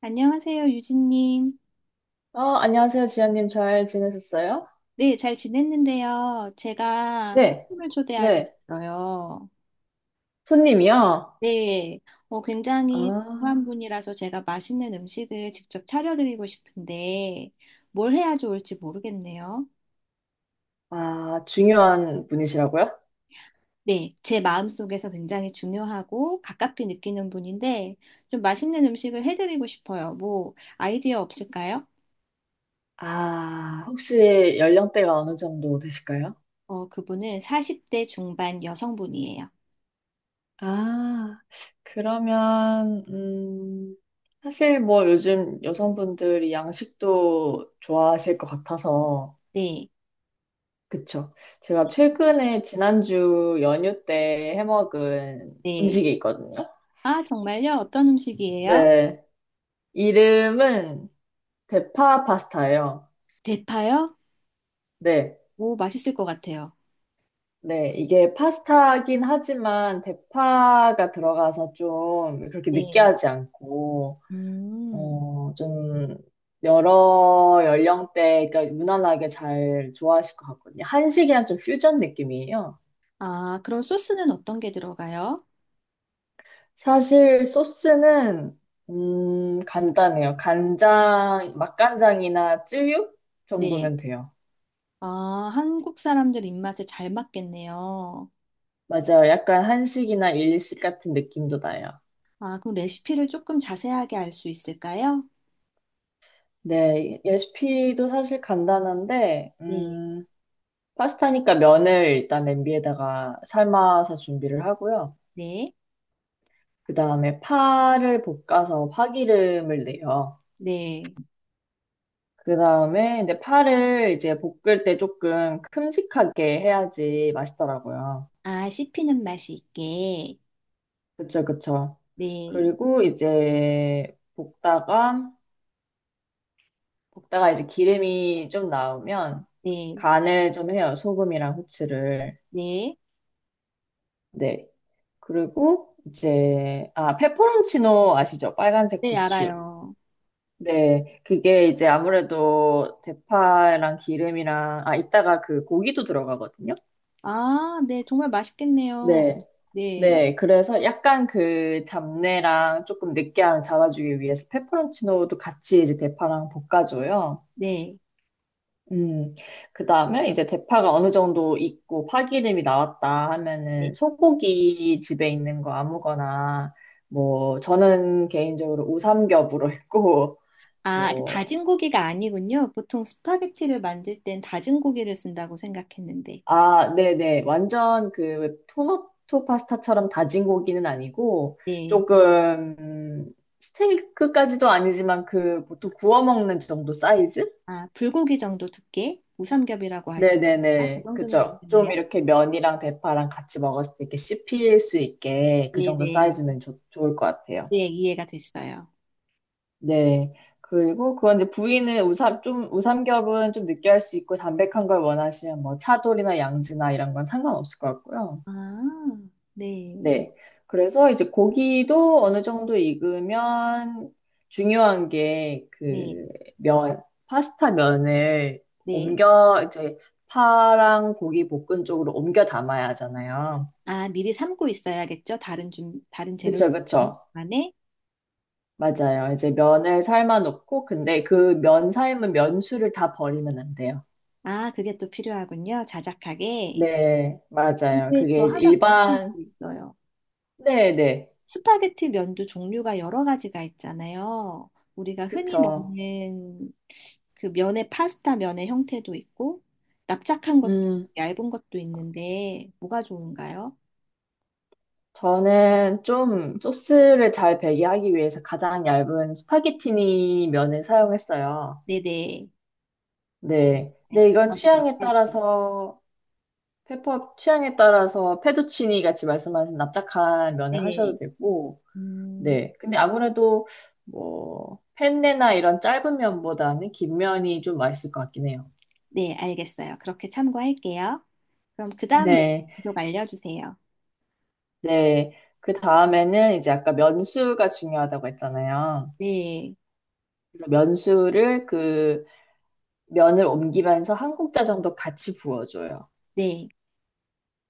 안녕하세요, 유진님. 안녕하세요, 지연님. 잘 지내셨어요? 네, 잘 지냈는데요. 제가 네, 손님을 네. 초대하겠어요. 손님이요? 네, 굉장히 중요한 아, 분이라서 제가 맛있는 음식을 직접 차려드리고 싶은데 뭘 해야 좋을지 모르겠네요. 중요한 분이시라고요? 네, 제 마음속에서 굉장히 중요하고 가깝게 느끼는 분인데 좀 맛있는 음식을 해드리고 싶어요. 뭐 아이디어 없을까요? 아, 혹시 연령대가 어느 정도 되실까요? 그분은 40대 중반 여성분이에요. 아, 그러면, 사실 뭐 요즘 여성분들이 양식도 좋아하실 것 같아서, 네, 그쵸. 제가 최근에 지난주 연휴 때 해먹은 네. 음식이 있거든요. 아, 정말요? 어떤 음식이에요? 네. 이름은 대파 파스타예요. 대파요? 네. 오, 맛있을 것 같아요. 네. 이게 파스타긴 하지만 대파가 들어가서 좀 그렇게 네. 느끼하지 않고, 음. 어, 좀 여러 연령대, 그러니까 무난하게 잘 좋아하실 것 같거든요. 한식이랑 좀 퓨전 느낌이에요. 아, 그럼 소스는 어떤 게 들어가요? 사실 소스는, 간단해요. 간장, 맛간장이나 쯔유 네. 정도면 돼요. 아, 한국 사람들 입맛에 잘 맞겠네요. 맞아요. 약간 한식이나 일식 같은 느낌도 나요. 아, 그럼 레시피를 조금 자세하게 알 수 있을까요? 네, 레시피도 사실 간단한데, 네. 파스타니까 면을 일단 냄비에다가 삶아서 준비를 하고요. 네. 그 다음에 파를 볶아서 파기름을 내요. 네. 그 다음에 이제 파를 이제 볶을 때 조금 큼직하게 해야지 맛있더라고요. 아, 씹히는 맛이 있게. 그쵸, 그쵸. 네. 그리고 이제 볶다가, 이제 기름이 좀 나오면 네. 간을 좀 해요. 소금이랑 후추를. 네. 네. 그리고 이제 페퍼론치노 아시죠? 빨간색 네, 고추. 알아요. 네, 그게 이제 아무래도 대파랑 기름이랑 이따가 그 고기도 들어가거든요. 아, 네. 정말 맛있겠네요. 네, 네. 네, 그래서 약간 그 잡내랑 조금 느끼함을 잡아주기 위해서 페퍼론치노도 같이 이제 대파랑 볶아줘요. 네. 음, 그 다음에 이제 대파가 어느 정도 익고 파기름이 나왔다 하면은 네. 소고기 집에 있는 거 아무거나 뭐 저는 개인적으로 우삼겹으로 했고 아, 그 뭐 다진 고기가 아니군요. 보통 스파게티를 만들 땐 다진 고기를 쓴다고 생각했는데. 아, 네네 완전 그 토마토 파스타처럼 다진 고기는 아니고 네. 조금 스테이크까지도 아니지만 그 보통 구워 먹는 정도 사이즈? 아, 불고기 정도 두께? 무삼겹이라고 하셨습니까? 그 네네네. 정도면 그죠. 좀 됐네요. 이렇게 면이랑 대파랑 같이 먹었을 때 이렇게 씹힐 수 있게 그 네네. 정도 네, 사이즈면 좋 좋을 것 같아요. 네, 이해가 됐어요. 네. 그리고 그건 이제 부위는 우삼겹은 좀 느끼할 수 있고 담백한 걸 원하시면 뭐 차돌이나 양지나 이런 건 상관없을 것 같고요. 아, 네. 네. 그래서 이제 고기도 어느 정도 익으면 중요한 게 네. 그 면, 파스타 면을 네. 옮겨 이제 파랑 고기 볶은 쪽으로 옮겨 담아야 하잖아요. 아, 미리 삶고 있어야겠죠? 다른 좀, 다른 재료 그쵸, 그쵸. 안에? 맞아요. 이제 면을 삶아 놓고 근데 그 면 삶은 면수를 다 버리면 안 돼요. 아, 그게 또 필요하군요. 자작하게. 네, 맞아요. 근데 저 그게 하나 궁금한 일반, 게 있어요. 네네. 스파게티 면도 종류가 여러 가지가 있잖아요. 우리가 흔히 그쵸. 먹는 그 면의 파스타 면의 형태도 있고 납작한 것도 있고 음. 얇은 것도 있는데 뭐가 좋은가요? 저는 좀 소스를 잘 배게 하기 위해서 가장 얇은 스파게티니 면을 사용했어요. 네네. 네. 알겠어요. 근데 이건 저도 그렇게 취향에 할게요. 따라서, 페퍼 취향에 따라서 페투치니 같이 말씀하신 납작한 면을 네, 하셔도 되고, 음, 네. 근데 아무래도 뭐, 펜네나 이런 짧은 면보다는 긴 면이 좀 맛있을 것 같긴 해요. 네, 알겠어요. 그렇게 참고할게요. 그럼 그 다음 레시 네. 피속 알려주세요. 네. 그 다음에는 이제 아까 면수가 중요하다고 했잖아요. 네, 그래서 면수를 그 면을 옮기면서 한 국자 정도 같이 부어줘요. 네,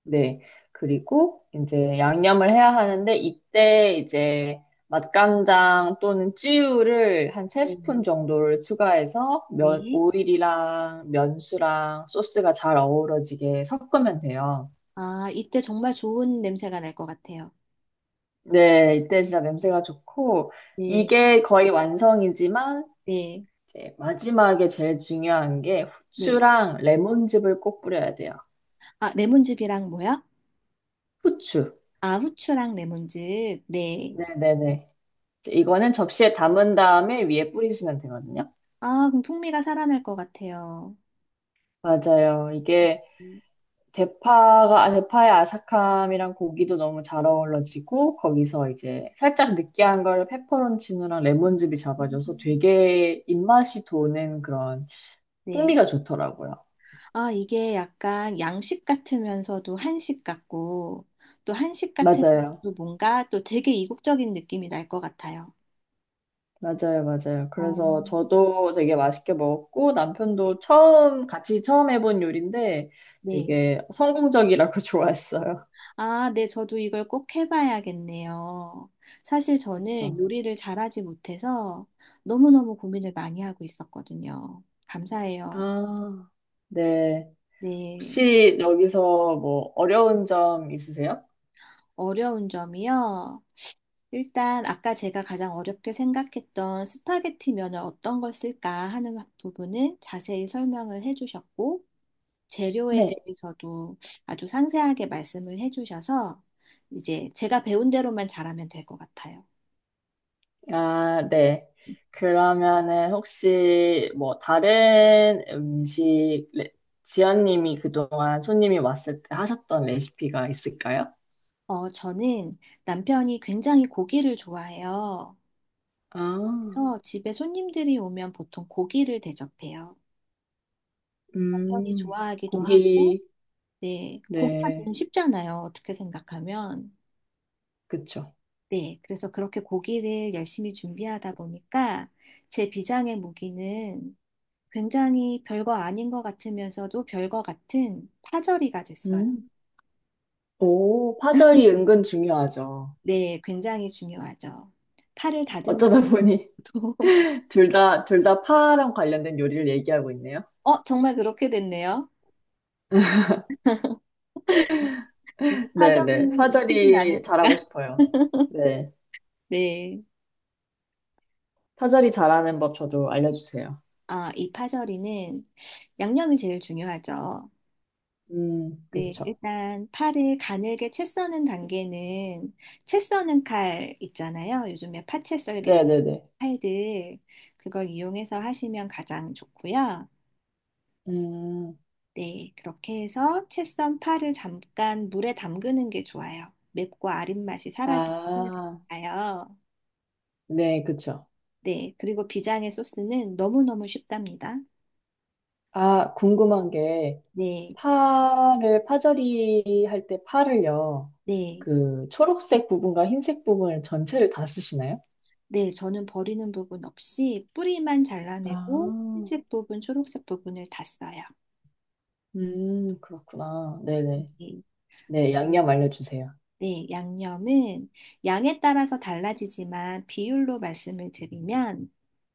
네. 그리고 이제 양념을 해야 하는데 이때 이제 맛간장 또는 찌유를 한 세스푼 네, 정도를 추가해서 면, 네. 오일이랑 면수랑 소스가 잘 어우러지게 섞으면 돼요. 아, 이때 정말 좋은 냄새가 날 것 같아요. 네, 이때 진짜 냄새가 좋고 네, 이게 거의 완성이지만 네, 이제 마지막에 제일 중요한 게 네. 후추랑 레몬즙을 꼭 뿌려야 돼요. 아, 레몬즙이랑 뭐야? 후추. 아, 후추랑 레몬즙. 네. 네네네. 이거는 접시에 담은 다음에 위에 뿌리시면 되거든요. 아, 그럼 풍미가 살아날 것 같아요. 맞아요. 이게 음. 대파의 아삭함이랑 고기도 너무 잘 어우러지고, 거기서 이제 살짝 느끼한 걸 페퍼론치노랑 레몬즙이 잡아줘서 되게 입맛이 도는 그런 네. 풍미가 좋더라고요. 아, 이게 약간 양식 같으면서도 한식 같고, 또 한식 맞아요. 같으면서도 뭔가 또 되게 이국적인 느낌이 날 것 같아요. 맞아요. 맞아요. 어, 그래서 저도 되게 맛있게 먹었고, 네. 같이 처음 해본 요리인데 네. 되게 성공적이라고 좋아했어요. 아, 네. 저도 이걸 꼭 해봐야겠네요. 사실 저는 그쵸. 요리를 잘하지 못해서 너무너무 고민을 많이 하고 있었거든요. 감사해요. 아. 네. 네. 혹시 여기서 뭐 어려운 점 있으세요? 어려운 점이요. 일단 아까 제가 가장 어렵게 생각했던 스파게티 면을 어떤 걸 쓸까 하는 부분을 자세히 설명을 해주셨고 재료에 네. 대해서도 아주 상세하게 말씀을 해주셔서 이제 제가 배운 대로만 잘하면 될 것 같아요. 아, 네. 그러면은 혹시 뭐 지연님이 그동안 손님이 왔을 때 하셨던 레시피가 있을까요? 저는 남편이 굉장히 고기를 좋아해요. 아, 그래서 집에 손님들이 오면 보통 고기를 대접해요. 남편이 음, 좋아하기도 하고, 고기, 네, 고기가 제일 네, 쉽잖아요. 어떻게 생각하면. 그쵸. 네, 그래서 그렇게 고기를 열심히 준비하다 보니까 제 비장의 무기는 굉장히 별거 아닌 것 같으면서도 별거 같은 파절이가 됐어요. 음, 오, 파절이 은근 중요하죠. 네, 굉장히 중요하죠. 파를 다듬는 어쩌다 보니 것도, 둘 다 파랑 관련된 요리를 얘기하고 있네요. 정말 그렇게 됐네요. 근데 네네. 파절이는 익히진 파절이 않으니까. 잘하고 싶어요. 네. 네. 파절이 잘하는 법 저도 알려주세요. 아, 이 파절이는 양념이 제일 중요하죠. 네, 그쵸. 일단 팔을 가늘게 채 써는 단계는 채 써는 칼 있잖아요. 요즘에 파채 썰기 좋은 네네네. 칼들 그걸 이용해서 하시면 가장 좋고요. 음, 네, 그렇게 해서 채 썬 파를 잠깐 물에 담그는 게 좋아요. 맵고 아린 맛이 사라지게 해야 아, 되니까요. 네, 그쵸. 네, 그리고 비장의 소스는 너무너무 쉽답니다. 아, 궁금한 게, 네, 파절이 할 때 파를요, 네, 그 초록색 부분과 흰색 부분을 전체를 다 쓰시나요? 네, 저는 버리는 부분 없이 뿌리만 잘라내고 아, 흰색 부분, 초록색 부분을 다 써요. 그렇구나. 네네. 네, 네, 그, 양념 알려주세요. 네, 양념은 양에 따라서 달라지지만 비율로 말씀을 드리면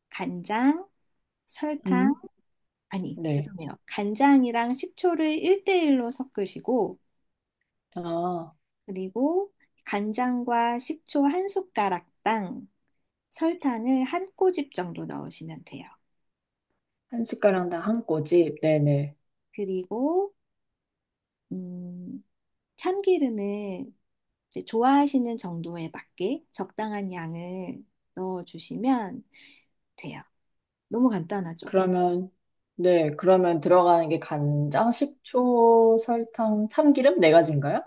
간장, 설탕, 음, 아니, 네. 죄송해요. 간장이랑 식초를 1대1로 섞으시고, 아, 그리고 간장과 식초 한 숟가락당 설탕을 한 꼬집 정도 넣으시면 돼요. 한 숟가락당 한 꼬집. 네네. 그리고, 음, 참기름을 이제 좋아하시는 정도에 맞게 적당한 양을 넣어주시면 돼요. 너무 간단하죠. 그러면, 네, 그러면 들어가는 게 간장, 식초, 설탕, 참기름 네 가지인가요?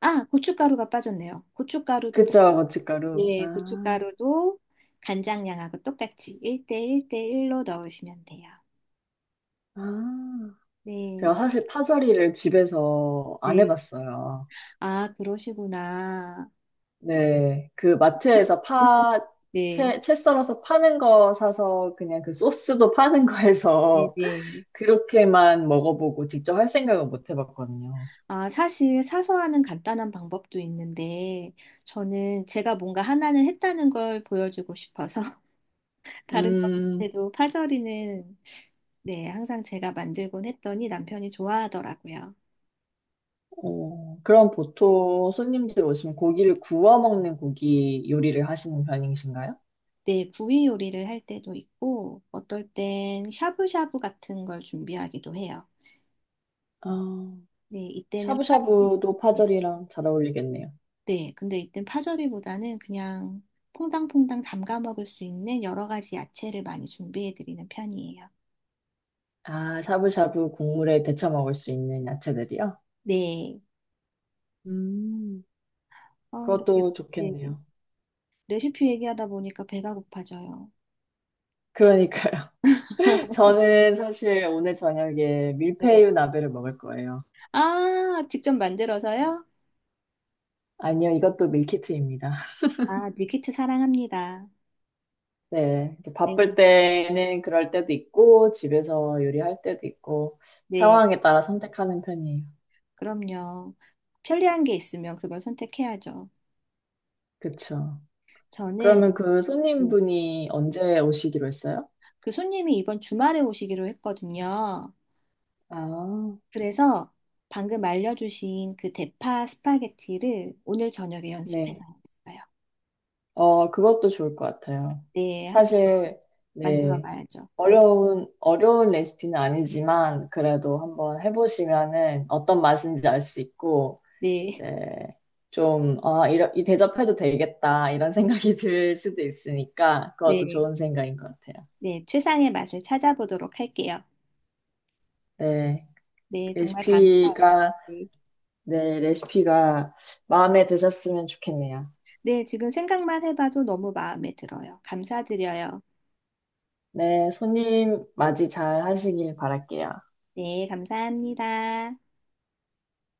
아, 고춧가루가 빠졌네요. 고춧가루도 넣어. 그쵸, 고춧가루. 네, 아, 고춧가루도 간장량하고 똑같이 1대1대1로 넣으시면 돼요. 아. 네, 제가 사실 파절이를 집에서 안 네. 해봤어요. 아, 그러시구나. 네, 그 마트에서 파, 네, 채 썰어서 파는 거 사서 그냥 그 소스도 파는 거 네, 해서 네. 그렇게만 먹어보고 직접 할 생각은 못 해봤거든요. 아, 사실 사소하는 간단한 방법도 있는데, 저는 제가 뭔가 하나는 했다는 걸 보여주고 싶어서, 다른 음, 것에도 파절이는, 네, 항상 제가 만들곤 했더니 남편이 좋아하더라고요. 어, 그럼 보통 손님들 오시면 고기를 구워 먹는 고기 요리를 하시는 편이신가요? 네, 구이 요리를 할 때도 있고, 어떨 땐 샤브샤브 같은 걸 준비하기도 해요. 아, 네, 이때는 파, 샤브샤브도 네, 파절이랑 잘 어울리겠네요. 네, 근데 이땐 파절이보다는 그냥 퐁당퐁당 담가 먹을 수 있는 여러 가지 야채를 많이 준비해 드리는 편이에요. 아, 샤브샤브 국물에 데쳐 먹을 수 있는 야채들이요? 네. 음, 이렇게 그것도 네. 좋겠네요. 레시피 얘기하다 보니까 배가 고파져요. 그러니까요. 저는 사실 오늘 저녁에 네. 밀푀유 나베를 먹을 거예요. 아, 직접 만들어서요? 아니요, 이것도 밀키트입니다. 아, 밀키트 사랑합니다. 네, 이제 네, 바쁠 때는 그럴 때도 있고, 집에서 요리할 때도 있고, 네, 상황에 따라 선택하는 편이에요. 그럼요. 편리한 게 있으면 그걸 선택해야죠. 그쵸. 저는 그러면 그 손님분이 언제 오시기로 했어요? 그 손님이 이번 주말에 오시기로 했거든요. 아, 그래서 방금 알려주신 그 대파 스파게티를 오늘 저녁에 연습해 네. 놨어요. 어, 그것도 좋을 것 같아요. 네, 한번 사실, 만들어 네. 봐야죠. 네, 어려운 레시피는 아니지만, 그래도 한번 해보시면은 어떤 맛인지 알 수 있고, 네, 이제 이 대접해도 되겠다, 이런 생각이 들 수도 있으니까, 그것도 네, 좋은 생각인 것 같아요. 네. 최상의 맛을 찾아보도록 할게요. 네. 네, 정말 감사해요. 레시피가, 네, 네, 레시피가 마음에 드셨으면 좋겠네요. 네, 지금 생각만 해봐도 너무 마음에 들어요. 감사드려요. 네, 손님 맞이 잘 하시길 바랄게요. 네, 감사합니다.